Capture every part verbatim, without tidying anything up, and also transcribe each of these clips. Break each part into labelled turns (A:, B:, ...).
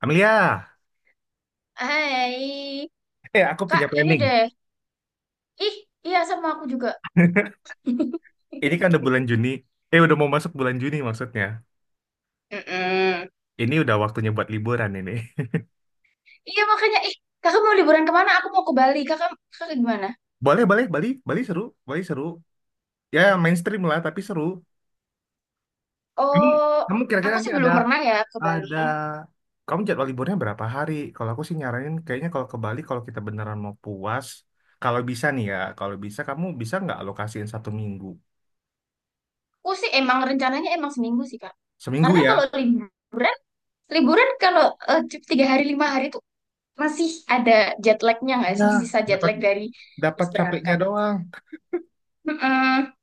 A: Amelia,
B: Hai.
A: eh aku punya
B: Kak, ini
A: planning.
B: deh. Ih, iya sama aku juga.
A: Ini kan udah bulan Juni. Eh udah mau masuk bulan Juni maksudnya.
B: Mm-mm.
A: Ini udah waktunya buat liburan ini.
B: Iya makanya, ih, kakak mau liburan kemana? Aku mau ke Bali. Kakak, kakak gimana?
A: Boleh, boleh, Bali, Bali seru, Bali seru. Ya mainstream lah tapi seru. Kamu,
B: Oh,
A: kamu kira-kira
B: aku sih
A: nanti ada
B: belum pernah ya ke
A: ada
B: Bali.
A: kamu jadwal liburnya berapa hari? Kalau aku sih nyaranin kayaknya kalau ke Bali kalau kita beneran mau puas, kalau bisa nih ya, kalau bisa kamu bisa nggak alokasiin satu minggu?
B: Aku sih emang rencananya emang seminggu sih, Kak.
A: Seminggu
B: Karena kalau
A: ya?
B: liburan, liburan kalau eh, cu- tiga hari lima hari tuh masih ada jet lagnya nggak sih?
A: Nah,
B: Sisa jet
A: dapat
B: lag dari
A: dapat
B: habis
A: capeknya
B: berangkat.
A: doang.
B: Mm-mm.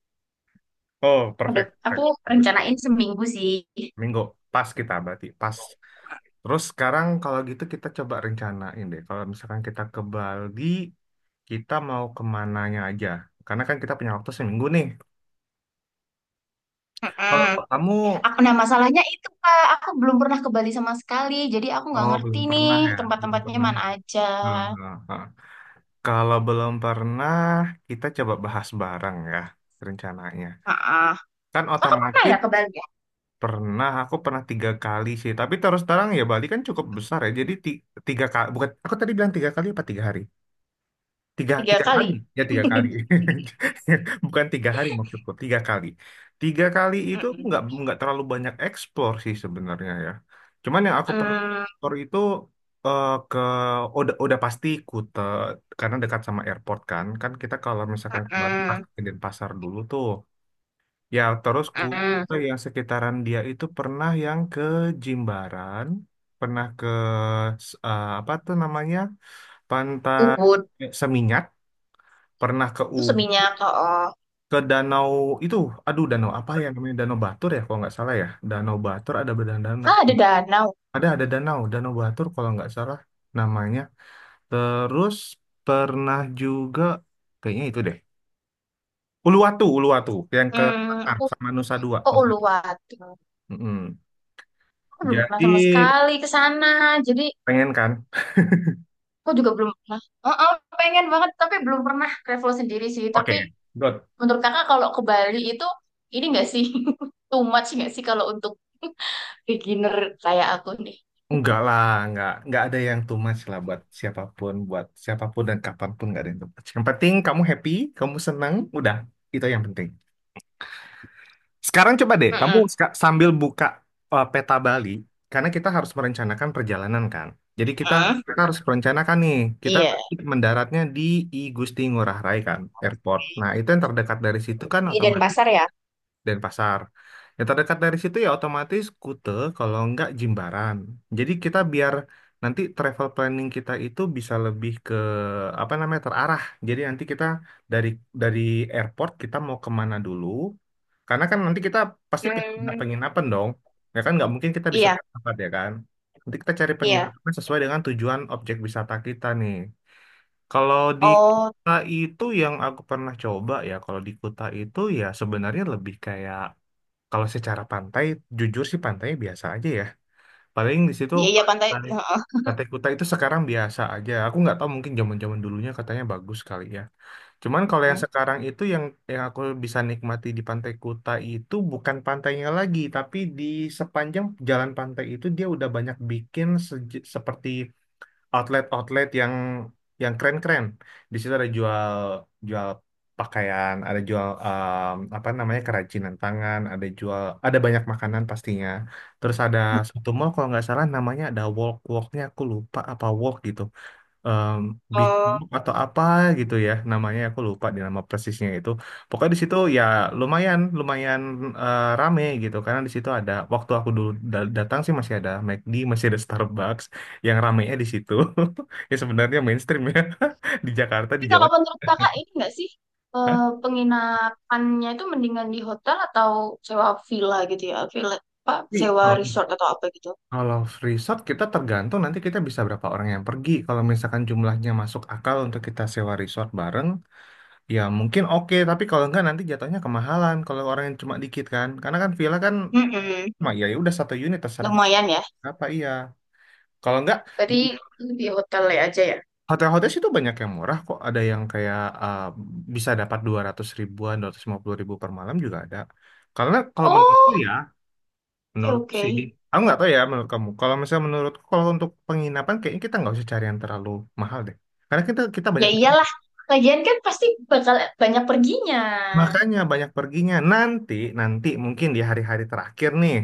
A: Oh,
B: Udah,
A: perfect,
B: aku
A: perfect. Bagus,
B: rencanain
A: bagus.
B: seminggu sih.
A: Minggu pas kita berarti pas. Terus sekarang kalau gitu kita coba rencanain deh. Kalau misalkan kita ke Bali, kita mau kemananya aja. Karena kan kita punya waktu seminggu nih. Kalau
B: Mm-mm.
A: kamu,
B: Aku, nah masalahnya itu Kak, aku belum pernah ke Bali sama sekali, jadi aku nggak
A: oh
B: ngerti
A: belum
B: nih
A: pernah ya, belum
B: tempat-tempatnya
A: pernah.
B: mana
A: Ya.
B: aja.
A: Hmm, hmm, hmm. Kalau belum pernah, kita coba bahas bareng ya rencananya.
B: ah
A: Kan
B: Kakak pernah ya
A: otomatis
B: ke Bali ya?
A: pernah, aku pernah tiga kali sih. Tapi terus terang ya Bali kan cukup besar ya. Jadi ti- tiga kali, bukan aku tadi bilang tiga kali apa tiga hari? Tiga,
B: Tiga
A: tiga kali.
B: kali.
A: Ya, tiga kali. Bukan tiga hari maksudku, tiga kali. Tiga kali itu
B: Mm-mm.
A: nggak nggak terlalu banyak eksplor sih sebenarnya ya. Cuman yang aku pernah
B: Mm,
A: eksplor itu eh, ke udah udah pasti Kute karena dekat sama airport kan. Kan kita kalau misalkan ke Bali
B: mm-mm,
A: pasti ke Denpasar dulu tuh. Ya, terus
B: mm-mm.
A: Kute
B: Mm.
A: yang sekitaran dia itu pernah yang ke Jimbaran, pernah ke eh, apa tuh namanya? Pantai
B: Ubud,
A: Seminyak pernah ke U
B: terus Seminyak. Oh,
A: ke danau itu, aduh danau apa ya namanya, danau Batur ya kalau nggak salah ya, danau Batur, ada danau,
B: ah, ada danau.
A: ada ada danau danau Batur kalau nggak salah namanya, terus pernah juga kayaknya itu deh Uluwatu Uluwatu yang ke,
B: Hmm,
A: ah,
B: aku
A: sama Nusa Dua
B: ke
A: Nusa Dua.
B: Uluwatu.
A: Mm-mm.
B: Aku belum pernah
A: Jadi
B: sama sekali ke sana, jadi
A: pengen kan.
B: aku juga belum pernah. Oh, oh, pengen banget, tapi belum pernah travel sendiri sih.
A: Oke,
B: Tapi
A: good.
B: menurut kakak kalau ke Bali itu ini nggak sih, too much nggak sih kalau untuk beginner kayak aku nih?
A: Enggak lah, enggak, enggak ada yang too much lah buat siapapun, buat siapapun dan kapanpun, enggak ada yang too much. Yang penting kamu happy, kamu senang, udah, itu yang penting. Sekarang coba deh, kamu
B: Mm-mm.
A: ska- sambil buka uh, peta Bali, karena kita harus merencanakan perjalanan kan. Jadi kita
B: Mm.
A: kita harus merencanakan nih, kita
B: Iya,
A: nanti mendaratnya di I Gusti Ngurah Rai kan, airport. Nah itu yang terdekat dari situ kan
B: di
A: otomatis.
B: Denpasar ya.
A: Denpasar. Yang terdekat dari situ ya otomatis Kute, kalau nggak Jimbaran. Jadi kita biar nanti travel planning kita itu bisa lebih ke apa namanya terarah. Jadi nanti kita dari dari airport kita mau kemana dulu. Karena kan nanti kita pasti pin- pindah
B: Hmm,
A: penginapan dong. Ya kan nggak mungkin kita di satu
B: iya,
A: tempat ya kan. Nanti kita cari
B: iya.
A: penginapan sesuai dengan tujuan objek wisata kita nih. Kalau di
B: Oh,
A: Kuta itu yang aku pernah coba ya, kalau di Kuta itu ya sebenarnya lebih kayak kalau secara pantai, jujur sih pantainya biasa aja ya. Paling di situ
B: iya, iya pantai.
A: pantai,
B: Heeh.
A: pantai Kuta itu sekarang biasa aja. Aku nggak tahu mungkin zaman-zaman dulunya katanya bagus kali ya. Cuman kalau yang
B: Mm.
A: sekarang itu yang yang aku bisa nikmati di Pantai Kuta itu bukan pantainya lagi, tapi di sepanjang jalan pantai itu dia udah banyak bikin seje- seperti outlet-outlet yang yang keren-keren. Di situ ada jual jual pakaian, ada jual em, apa namanya, kerajinan tangan, ada jual, ada banyak makanan pastinya. Terus ada satu mall kalau nggak salah namanya, ada walk walknya, aku lupa apa walk gitu, em, Big
B: Oh,
A: Book atau apa gitu ya namanya, aku lupa di nama persisnya itu, pokoknya di situ ya lumayan, lumayan eh, rame gitu, karena di situ ada, waktu aku dulu da- datang sih masih ada McD masih ada Starbucks, yang ramenya di situ. Ya sebenarnya mainstream ya. Di Jakarta di
B: tapi kalau
A: Jawa.
B: menurut kakak ini nggak sih, eh,
A: Hah?
B: penginapannya itu mendingan di hotel atau sewa villa gitu ya? Villa apa?
A: Tapi
B: Sewa
A: kalau
B: resort atau apa gitu?
A: kalau resort kita tergantung nanti kita bisa berapa orang yang pergi, kalau misalkan jumlahnya masuk akal untuk kita sewa resort bareng, ya mungkin oke, tapi kalau enggak nanti jatuhnya kemahalan kalau orang yang cuma dikit kan. Karena kan villa kan,
B: Mm-mm.
A: mah ya ya udah satu unit terserah
B: Lumayan ya.
A: apa iya. Kalau enggak di
B: Berarti di hotel aja ya?
A: hotel-hotel situ banyak yang murah kok. Ada yang kayak eh, bisa dapat dua ratus ribuan, dua ratus lima puluh ribu per malam juga ada. Karena kalau menurutku
B: Oh.
A: ya,
B: Oke,
A: menurutku sih,
B: oke.
A: aku nggak tahu ya menurut kamu. Kalau misalnya menurutku kalau untuk penginapan kayaknya kita nggak usah cari yang terlalu mahal deh. Karena kita kita
B: Ya
A: banyak,
B: iyalah, lagian kan pasti bakal banyak perginya.
A: makanya banyak perginya. Nanti nanti mungkin di hari-hari terakhir nih,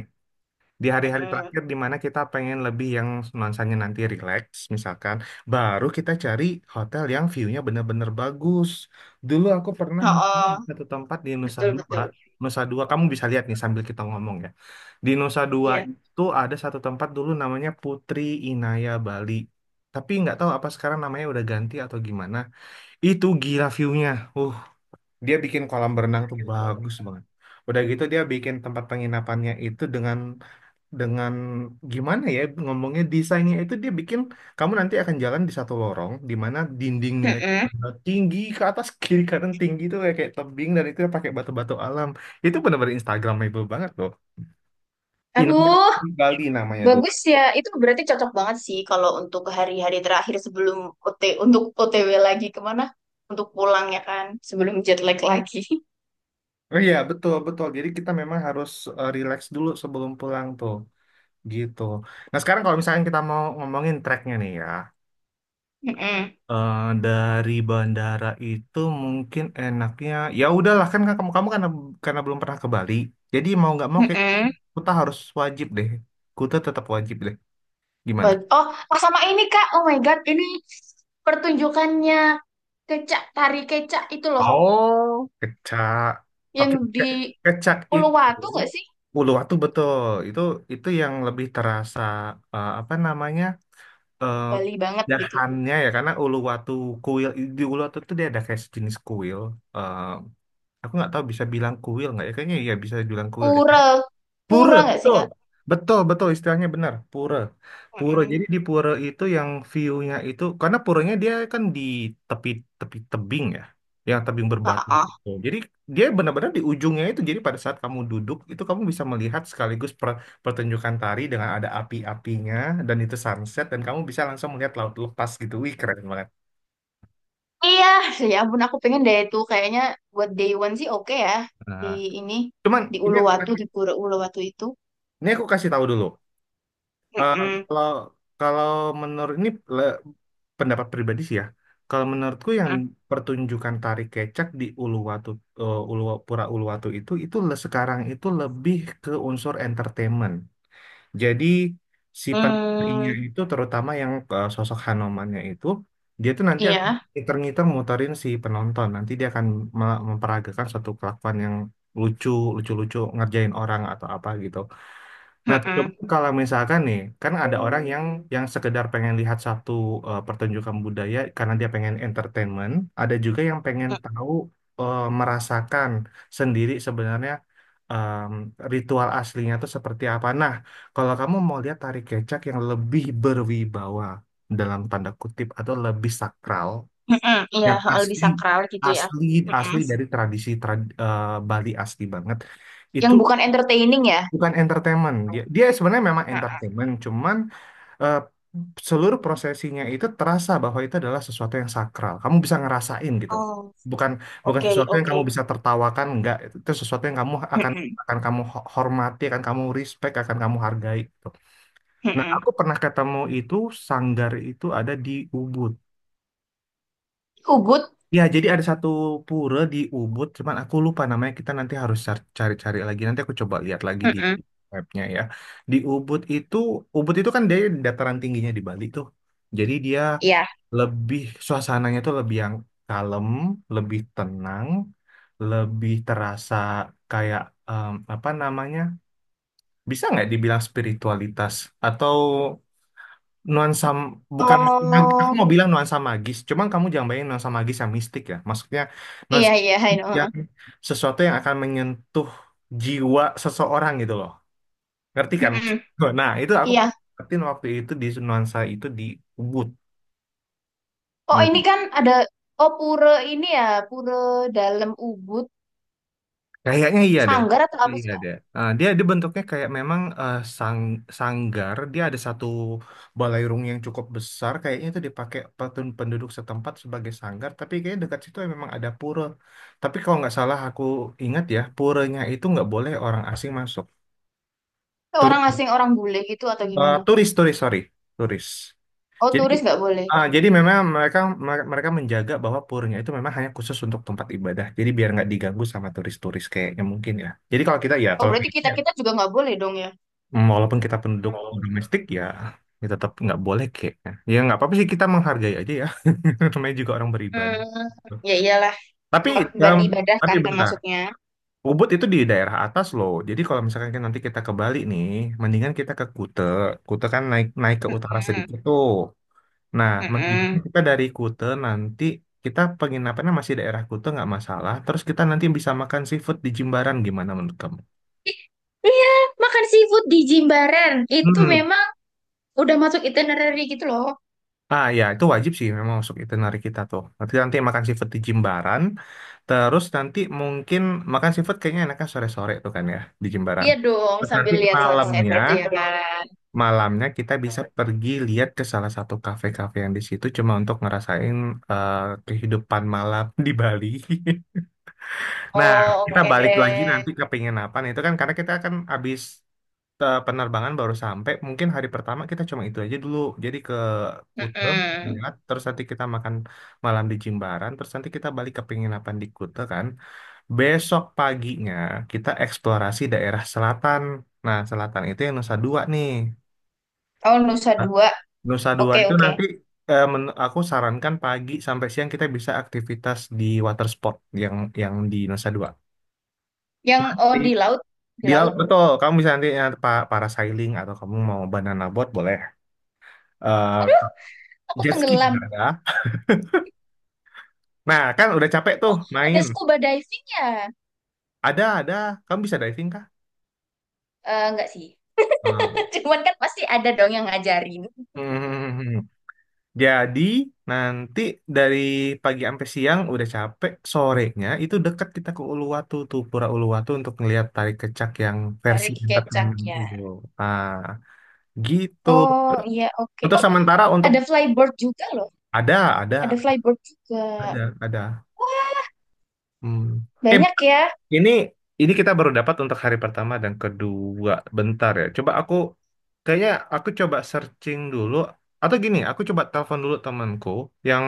A: di hari-hari terakhir
B: Mm-mm.
A: di mana kita pengen lebih yang nuansanya nanti relax, misalkan, baru kita cari hotel yang view-nya benar-benar bagus. Dulu aku pernah di
B: Oh,
A: satu tempat di Nusa
B: betul
A: Dua.
B: betul.
A: Nusa Dua, kamu bisa lihat nih sambil kita ngomong ya, di Nusa Dua
B: Iya.
A: itu ada satu tempat dulu namanya Putri Inaya Bali, tapi nggak tahu apa sekarang namanya udah ganti atau gimana. Itu gila view-nya. uh dia bikin kolam berenang tuh bagus banget. Udah gitu dia bikin tempat penginapannya itu dengan dengan gimana ya ngomongnya, desainnya itu dia bikin kamu nanti akan jalan di satu lorong di mana dindingnya itu
B: Mm-mm.
A: tinggi ke atas. Kiri kanan tinggi itu kayak, kayak tebing dan itu pakai batu-batu alam. Itu benar-benar Instagramable banget loh. Inangnya
B: Aduh,
A: Bali namanya dulu.
B: bagus ya. Itu berarti cocok banget sih kalau untuk hari-hari terakhir sebelum OT untuk O T W lagi kemana? Untuk pulang ya kan, sebelum jet lag lagi.
A: Oh iya, betul betul, jadi kita memang harus eh, relax dulu sebelum pulang tuh gitu. Nah sekarang kalau misalnya kita mau ngomongin tracknya nih ya.
B: Mm-mm.
A: Eh, dari bandara itu mungkin enaknya, ya udahlah kan kamu kamu karena karena belum pernah ke Bali, jadi mau nggak mau kayak
B: Mm-mm.
A: Kuta harus wajib deh. Kuta tetap wajib deh. Gimana?
B: Ba- oh, oh, sama ini Kak. Oh my God, ini pertunjukannya kecak, tari kecak itu loh,
A: Oh, kecak,
B: yang
A: oke ke-
B: di
A: kecak itu
B: Uluwatu nggak sih?
A: Uluwatu, betul. itu itu yang lebih terasa eh, apa namanya eh
B: Bali banget gitu.
A: dahannya ya karena Uluwatu, kuil di Uluwatu itu dia ada kayak sejenis kuil, eh, aku nggak tahu bisa bilang kuil nggak ya, kayaknya ya bisa dibilang kuil deh.
B: Pura,
A: Pura,
B: pura nggak sih
A: betul.
B: Kak?
A: Betul, betul istilahnya benar. Pura. Pura.
B: Mm-mm.
A: Jadi di pura itu yang view-nya itu karena puranya dia kan di tepi tepi tebing ya. Yang tebing berbatu
B: Heeh.
A: gitu. Jadi dia benar-benar di ujungnya itu. Jadi pada saat kamu duduk itu kamu bisa melihat sekaligus per- pertunjukan tari dengan ada api-apinya, dan itu sunset dan kamu bisa langsung melihat laut lepas gitu. Wih, keren banget.
B: Iya, ya ampun aku pengen deh itu kayaknya buat day one sih oke ya, di
A: Nah,
B: ini
A: cuman
B: di
A: ini aku
B: Uluwatu,
A: kasih
B: di Pura Uluwatu itu.
A: ini aku kasih tahu dulu. Eh,
B: Mm-mm.
A: kalau kalau menurut ini le- pendapat pribadi sih ya. Kalau menurutku yang
B: Mm-mm.
A: pertunjukan tari kecak di Uluwatu, eh, Uluwa, Pura Uluwatu itu, itu le- sekarang itu lebih ke unsur entertainment. Jadi si penarinya
B: Mm.
A: itu, terutama yang eh, sosok Hanomannya itu, dia tuh nanti akan
B: Iya,
A: ngiter-ngiter muterin si penonton. Nanti dia akan me- memperagakan suatu kelakuan yang lucu, lucu-lucu ngerjain orang atau apa gitu. Nah, coba
B: Mm-mm.
A: kalau misalkan nih, kan ada orang yang yang sekedar pengen lihat satu eh, pertunjukan budaya karena dia pengen entertainment, ada juga yang pengen tahu, eh, merasakan sendiri sebenarnya em, ritual aslinya itu seperti apa. Nah, kalau kamu mau lihat tari kecak yang lebih berwibawa dalam tanda kutip atau lebih sakral,
B: Mm-mm. Iya
A: yang
B: hal lebih
A: asli,
B: sakral gitu ya.
A: asli,
B: Mm-mm.
A: asli dari tradisi, trad- eh, Bali asli banget, itu
B: Yang bukan entertaining ya.
A: bukan entertainment. Dia, dia sebenarnya memang
B: Mm-mm.
A: entertainment, cuman eh, seluruh prosesinya itu terasa bahwa itu adalah sesuatu yang sakral. Kamu bisa ngerasain gitu,
B: Oh,
A: bukan, bukan
B: oke,
A: sesuatu yang
B: oke.
A: kamu bisa tertawakan, enggak. Itu itu sesuatu yang kamu akan,
B: Mm-mm.
A: akan kamu ho- hormati, akan kamu respect, akan kamu hargai. Gitu. Nah,
B: Mm-mm.
A: aku pernah ketemu itu, sanggar itu ada di Ubud.
B: Ubud.
A: Ya, jadi ada satu pura di Ubud, cuman aku lupa namanya. Kita nanti harus car- cari-cari lagi. Nanti aku coba lihat lagi di
B: Mm-mm.
A: webnya ya. Di Ubud itu, Ubud itu kan dari dataran tingginya di Bali tuh. Jadi dia
B: Iya.
A: lebih suasananya tuh lebih yang kalem, lebih tenang, lebih terasa kayak em, apa namanya? Bisa nggak dibilang spiritualitas atau nuansa, bukan, aku
B: Oh,
A: mau bilang nuansa magis cuman kamu jangan bayangin nuansa magis yang mistik ya, maksudnya
B: iya
A: nuansa
B: iya, I
A: yang
B: know.
A: sesuatu yang akan menyentuh jiwa seseorang gitu loh, ngerti kan maksud
B: Mm-mm.
A: gue? Nah itu aku
B: Iya,
A: perhatiin waktu itu, di nuansa itu di Ubud.
B: oh ini
A: Hmm.
B: kan ada, oh pura ini ya, pura dalam Ubud.
A: Kayaknya iya deh. Kayaknya
B: Sanggar atau apa sih
A: iya
B: Kak?
A: deh. Ah, dia dia bentuknya kayak memang eh, sang sanggar. Dia ada satu balairung yang cukup besar. Kayaknya itu dipakai petun- penduduk setempat sebagai sanggar. Tapi kayaknya dekat situ ya memang ada pura. Tapi kalau nggak salah aku ingat ya, puranya itu nggak boleh orang asing masuk.
B: Kayak orang
A: Turis,
B: asing, orang bule gitu atau
A: eh,
B: gimana?
A: turis, turis, sorry, turis.
B: Oh
A: Jadi
B: turis nggak boleh.
A: ah, jadi memang mereka mereka menjaga bahwa puranya itu memang hanya khusus untuk tempat ibadah. Jadi biar nggak diganggu sama turis-turis kayaknya, mungkin ya. Jadi kalau kita ya
B: Oh
A: kalau
B: berarti
A: kita,
B: kita kita juga nggak boleh dong ya?
A: walaupun kita penduduk domestik ya, ya tetap nggak boleh kayaknya. Ya nggak apa-apa sih, kita menghargai aja ya. Namanya juga orang beribadah.
B: Hmm, ya iyalah,
A: Tapi
B: tempat buat
A: em,
B: ibadah
A: tapi
B: kan
A: bentar.
B: termasuknya.
A: Ubud itu di daerah atas loh. Jadi kalau misalkan kan nanti kita ke Bali nih, mendingan kita ke Kute. Kute kan naik naik ke utara
B: Hmm,
A: sedikit tuh. Nah, mendingan
B: hmm,
A: kita dari Kute nanti, kita penginapannya masih daerah Kute nggak masalah. Terus kita nanti bisa makan seafood di Jimbaran, gimana menurut kamu?
B: iya, makan seafood di Jimbaran. Itu
A: Hmm.
B: memang udah masuk itinerary gitu loh.
A: Ah ya, itu wajib sih memang masuk itinerary kita tuh. Nanti nanti makan seafood di Jimbaran, terus nanti mungkin makan seafood kayaknya enaknya sore-sore tuh kan ya, di Jimbaran.
B: Iya dong
A: Terus nanti
B: sambil lihat sunset
A: malamnya,
B: gitu ya kan.
A: malamnya kita bisa pergi lihat ke salah satu kafe-kafe yang di situ, cuma untuk ngerasain eh, kehidupan malam di Bali. Nah,
B: Oh
A: kita
B: oke
A: balik lagi
B: deh.
A: nanti ke penginapan itu kan, karena kita kan habis eh, penerbangan, baru sampai, mungkin hari pertama kita cuma itu aja dulu, jadi ke Kuta,
B: Hmm,
A: lihat, terus nanti kita makan malam di Jimbaran, terus nanti kita balik ke penginapan di Kuta kan. Besok paginya kita eksplorasi daerah selatan, nah selatan itu yang Nusa Dua nih.
B: oh Nusa
A: Nah,
B: Dua.
A: Nusa Dua
B: Oke
A: itu
B: oke.
A: nanti, eh, men- aku sarankan pagi sampai siang kita bisa aktivitas di water sport yang yang di Nusa Dua.
B: Yang oh
A: di,
B: di laut, di
A: di laut,
B: laut.
A: betul, kamu bisa nanti ya, pa- parasailing atau kamu mau banana boat boleh. Eh,
B: Aduh, aku
A: Jet ski
B: tenggelam.
A: ada. Nah, kan udah capek tuh
B: Udah
A: main.
B: scuba diving ya?
A: Ada, ada. Kamu bisa diving kah?
B: Eh, enggak sih.
A: Nah.
B: Cuman kan pasti ada dong yang ngajarin.
A: Hmm. Jadi nanti dari pagi sampai siang udah capek, sorenya itu dekat kita ke Uluwatu tuh, Pura Uluwatu, untuk ngelihat tari kecak yang versi
B: Cari
A: entertainment
B: kecaknya.
A: itu. Ah, gitu.
B: Oh iya oke.
A: Untuk
B: Oh
A: sementara untuk,
B: ada flyboard juga loh.
A: ada,
B: Ada
A: ada,
B: flyboard juga.
A: ada, ada.
B: Wah,
A: Hmm. Eh,
B: banyak ya.
A: Ini ini kita baru dapat untuk hari pertama dan kedua. Bentar ya. Coba aku, kayaknya aku coba searching dulu, atau gini, aku coba telepon dulu temanku yang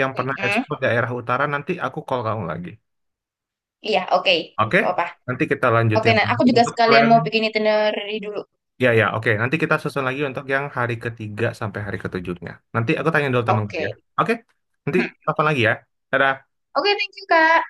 A: yang pernah
B: Mm-mm.
A: ekspor daerah utara, nanti aku call kamu lagi.
B: Iya oke.
A: Oke?
B: Nggak. Apa?
A: Nanti kita
B: Oke,
A: lanjutin
B: nah aku
A: lagi
B: juga
A: untuk
B: sekalian
A: plan.
B: mau bikin itinerary dulu.
A: Ya ya, oke. Nanti kita susun lagi untuk yang hari ketiga sampai hari ketujuhnya. Nanti aku tanya dulu temanku ya.
B: Oke.
A: Oke? Nanti
B: Hmm.
A: telepon lagi ya. Dadah.
B: Oke, thank you Kak.